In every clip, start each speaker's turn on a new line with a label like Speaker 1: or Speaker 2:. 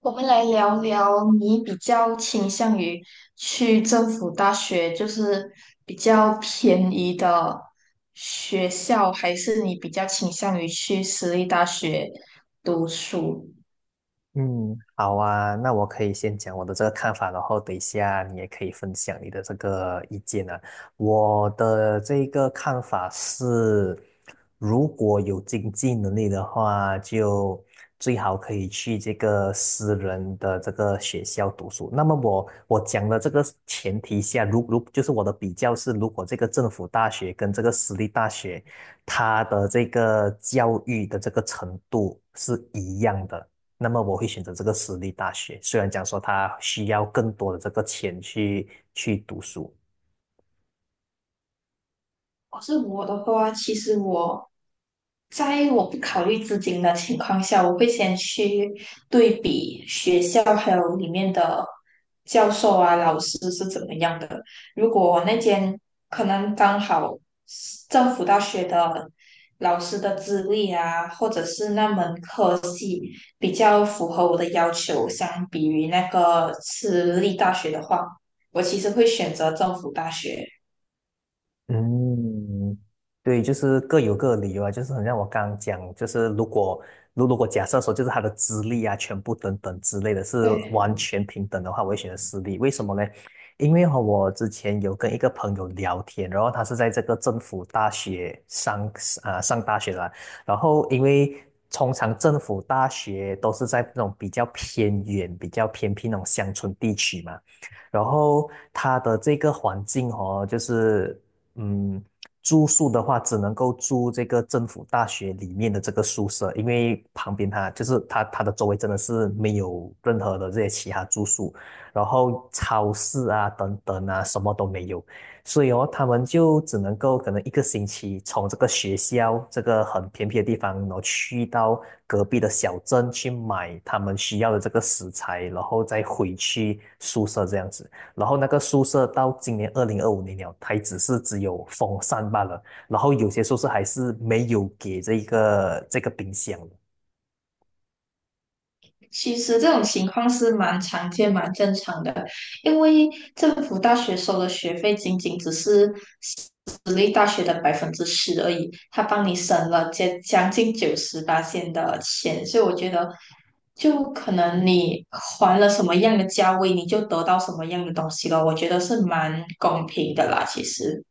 Speaker 1: 我们来聊聊，你比较倾向于去政府大学，就是比较便宜的学校，还是你比较倾向于去私立大学读书？
Speaker 2: 嗯，好啊，那我可以先讲我的这个看法，然后等一下你也可以分享你的这个意见啊。我的这个看法是，如果有经济能力的话，就最好可以去这个私人的这个学校读书。那么我讲的这个前提下，就是我的比较是，如果这个政府大学跟这个私立大学，它的这个教育的这个程度是一样的。那么我会选择这个私立大学。虽然讲说他需要更多的这个钱去读书，
Speaker 1: 我的话，其实我在我不考虑资金的情况下，我会先去对比学校还有里面的教授啊、老师是怎么样的。如果我那间可能刚好是政府大学的老师的资历啊，或者是那门科系比较符合我的要求，相比于那个私立大学的话，我其实会选择政府大学。
Speaker 2: 嗯，对，就是各有各的理由啊，就是很像我刚刚讲，就是如果如果假设说就是他的资历啊、全部等等之类的是完
Speaker 1: 对。
Speaker 2: 全平等的话，我会选择私立。为什么呢？因为和我之前有跟一个朋友聊天，然后他是在这个政府大学上上大学的啦，然后因为通常政府大学都是在那种比较偏远、比较偏僻那种乡村地区嘛。然后他的这个环境哦，就是嗯，住宿的话，只能够住这个政府大学里面的这个宿舍，因为旁边它就是它的周围真的是没有任何的这些其他住宿，然后超市啊等等啊什么都没有，所以哦，他们就只能够可能一个星期从这个学校这个很偏僻的地方，然后去到隔壁的小镇去买他们需要的这个食材，然后再回去宿舍这样子。然后那个宿舍到今年2025年了，它只有风扇罢了，然后有些宿舍还是没有给这个冰箱的。
Speaker 1: 其实这种情况是蛮常见、蛮正常的，因为政府大学收的学费仅仅只是私立大学的10%而已，他帮你省了将近98线的钱，所以我觉得，就可能你还了什么样的价位，你就得到什么样的东西了，我觉得是蛮公平的啦，其实。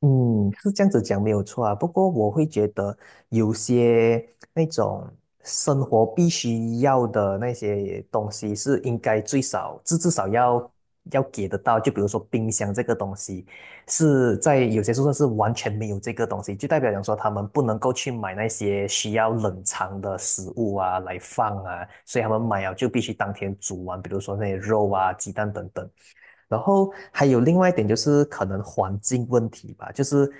Speaker 2: 嗯，是这样子讲没有错啊。不过我会觉得有些那种生活必须要的那些东西是应该最少至少要给得到。就比如说冰箱这个东西，是在有些宿舍是完全没有这个东西，就代表讲说他们不能够去买那些需要冷藏的食物啊来放啊，所以他们买了就必须当天煮完，比如说那些肉啊、鸡蛋等等。然后还有另外一点就是可能环境问题吧，就是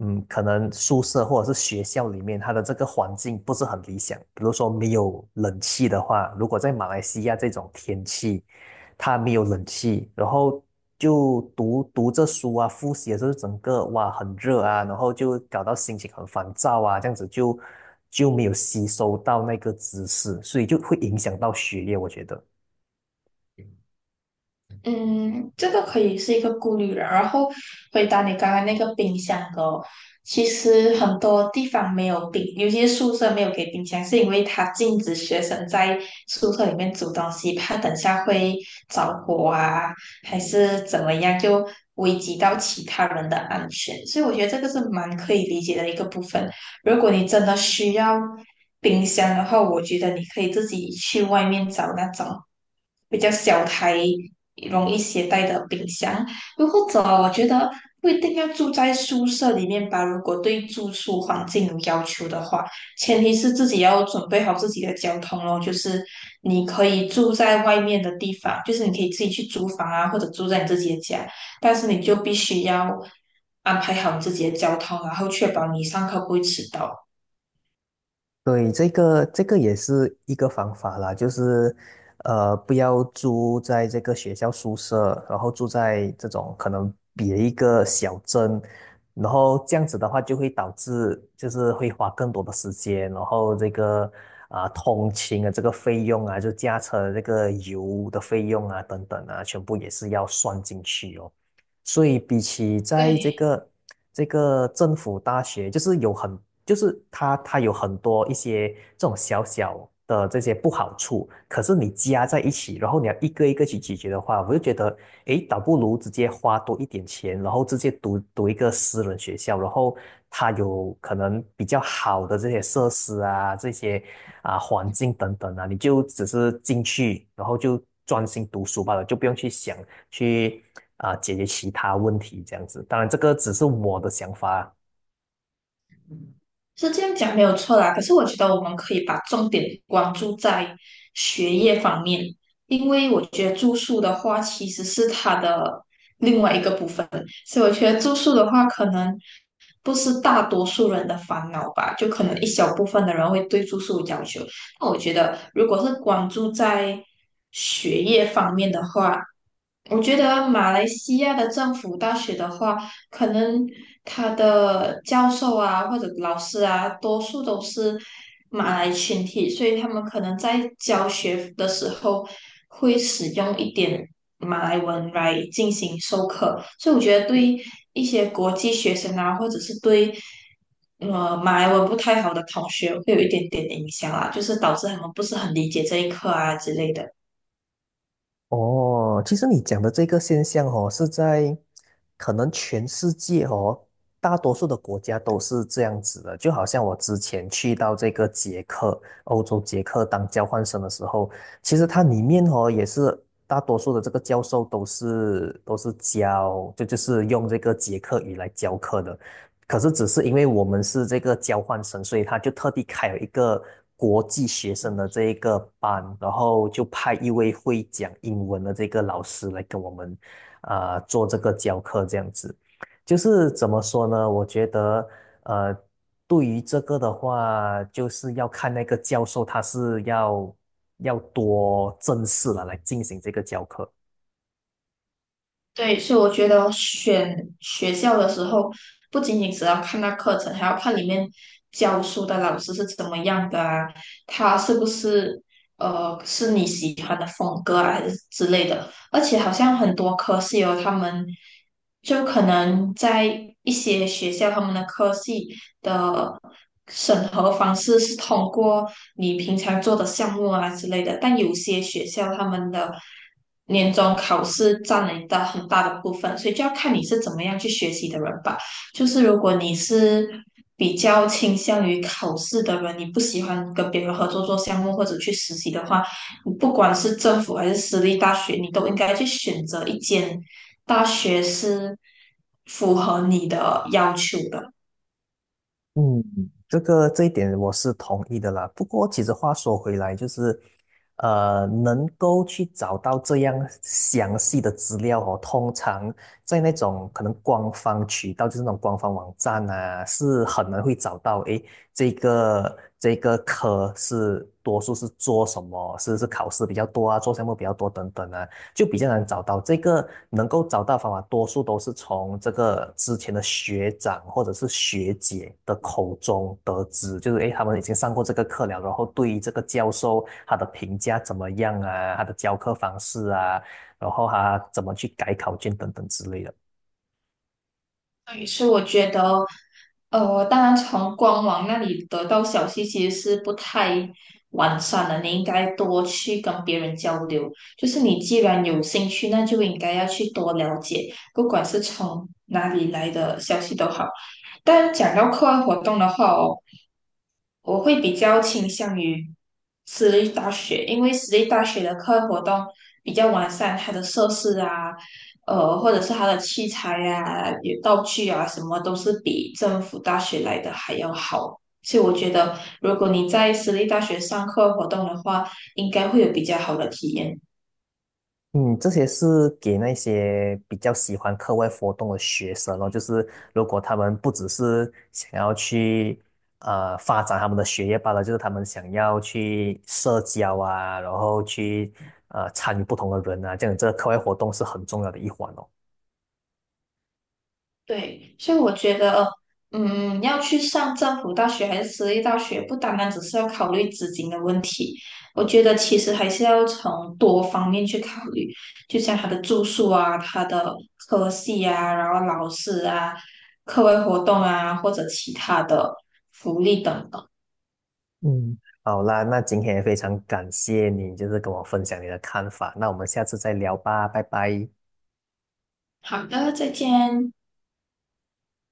Speaker 2: 嗯，可能宿舍或者是学校里面它的这个环境不是很理想，比如说没有冷气的话，如果在马来西亚这种天气，它没有冷气，然后就读着书啊，复习的时候整个哇很热啊，然后就搞到心情很烦躁啊，这样子就没有吸收到那个知识，所以就会影响到学业，我觉得。
Speaker 1: 嗯，这个可以是一个顾虑了。然后回答你刚刚那个冰箱的哦，其实很多地方没有冰，尤其是宿舍没有给冰箱，是因为它禁止学生在宿舍里面煮东西，怕等下会着火啊，还是怎么样，就危及到其他人的安全。所以我觉得这个是蛮可以理解的一个部分。如果你真的需要冰箱的话，我觉得你可以自己去外面找那种比较小台、容易携带的冰箱。又或者，我觉得不一定要住在宿舍里面吧。如果对住宿环境有要求的话，前提是自己要准备好自己的交通咯。就是你可以住在外面的地方，就是你可以自己去租房啊，或者住在你自己的家。但是你就必须要安排好自己的交通，然后确保你上课不会迟到。
Speaker 2: 对，这个也是一个方法啦，就是不要住在这个学校宿舍，然后住在这种可能别一个小镇，然后这样子的话就会导致就是会花更多的时间，然后这个通勤的这个费用啊，就驾车的这个油的费用啊等等啊，全部也是要算进去哦。所以比起在
Speaker 1: 对，
Speaker 2: 这个政府大学，就是有很，就是它有很多一些这种小小的这些不好处，可是你加在一起，然后你要一个一个去解决的话，我就觉得，诶，倒不如直接花多一点钱，然后直接读一个私人学校，然后它有可能比较好的这些设施啊，这些啊环境等等啊，你就只是进去，然后就专心读书罢了，就不用去想。去解决其他问题这样子。当然，这个只是我的想法啊。
Speaker 1: 是这样讲没有错啦，可是我觉得我们可以把重点关注在学业方面，因为我觉得住宿的话其实是它的另外一个部分，所以我觉得住宿的话可能不是大多数人的烦恼吧，就可能一小部分的人会对住宿有要求。那我觉得如果是关注在学业方面的话，我觉得马来西亚的政府大学的话，可能他的教授啊或者老师啊，多数都是马来群体，所以他们可能在教学的时候会使用一点马来文来进行授课，所以我觉得对一些国际学生啊，或者是对马来文不太好的同学，会有一点点影响啊，就是导致他们不是很理解这一课啊之类的。
Speaker 2: 哦，其实你讲的这个现象哦，是在可能全世界哦，大多数的国家都是这样子的。就好像我之前去到这个捷克，欧洲捷克当交换生的时候，其实它里面哦也是大多数的这个教授都是教，就是用这个捷克语来教课的。可是只是因为我们是这个交换生，所以他就特地开了一个国际学生的这一个班，然后就派一位会讲英文的这个老师来跟我们做这个教课，这样子。就是怎么说呢？我觉得呃，对于这个的话，就是要看那个教授他是要多正式了来进行这个教课。
Speaker 1: 对，所以我觉得选学校的时候，不仅仅只要看那课程，还要看里面教书的老师是怎么样的啊，他是不是是你喜欢的风格啊，还是之类的。而且好像很多科系哦，他们就可能在一些学校，他们的科系的审核方式是通过你平常做的项目啊之类的，但有些学校他们的年终考试占了一大很大的部分，所以就要看你是怎么样去学习的人吧。就是如果你是比较倾向于考试的人，你不喜欢跟别人合作做项目或者去实习的话，不管是政府还是私立大学，你都应该去选择一间大学是符合你的要求的。
Speaker 2: 嗯，这一点我是同意的啦。不过，其实话说回来，就是，能够去找到这样详细的资料哦，通常在那种可能官方渠道，就是那种官方网站啊，是很难会找到。诶，这个科是多数是做什么？是考试比较多啊，做项目比较多等等啊。就比较难找到。这个能够找到方法，多数都是从这个之前的学长或者是学姐的口中得知，就是诶，他们已经上过这个课了，然后对于这个教授他的评价怎么样啊，他的教课方式啊，然后他怎么去改考卷等等之类的。
Speaker 1: 对，所以我觉得，当然从官网那里得到消息其实是不太完善的，你应该多去跟别人交流。就是你既然有兴趣，那就应该要去多了解，不管是从哪里来的消息都好。但讲到课外活动的话哦。我会比较倾向于私立大学，因为私立大学的课外活动比较完善，它的设施啊，或者是它的器材啊、有道具啊，什么都是比政府大学来的还要好。所以我觉得，如果你在私立大学上课外活动的话，应该会有比较好的体验。
Speaker 2: 嗯，这些是给那些比较喜欢课外活动的学生哦，就是如果他们不只是想要去发展他们的学业罢了，就是他们想要去社交啊，然后去参与不同的人啊，这样这个课外活动是很重要的一环哦。
Speaker 1: 对，所以我觉得，嗯，要去上政府大学还是私立大学，不单单只是要考虑资金的问题，我觉得其实还是要从多方面去考虑，就像他的住宿啊、他的科系啊，然后老师啊、课外活动啊，或者其他的福利等等。
Speaker 2: 嗯，好啦，那今天也非常感谢你，就是跟我分享你的看法，那我们下次再聊吧，拜拜。
Speaker 1: 好的，再见。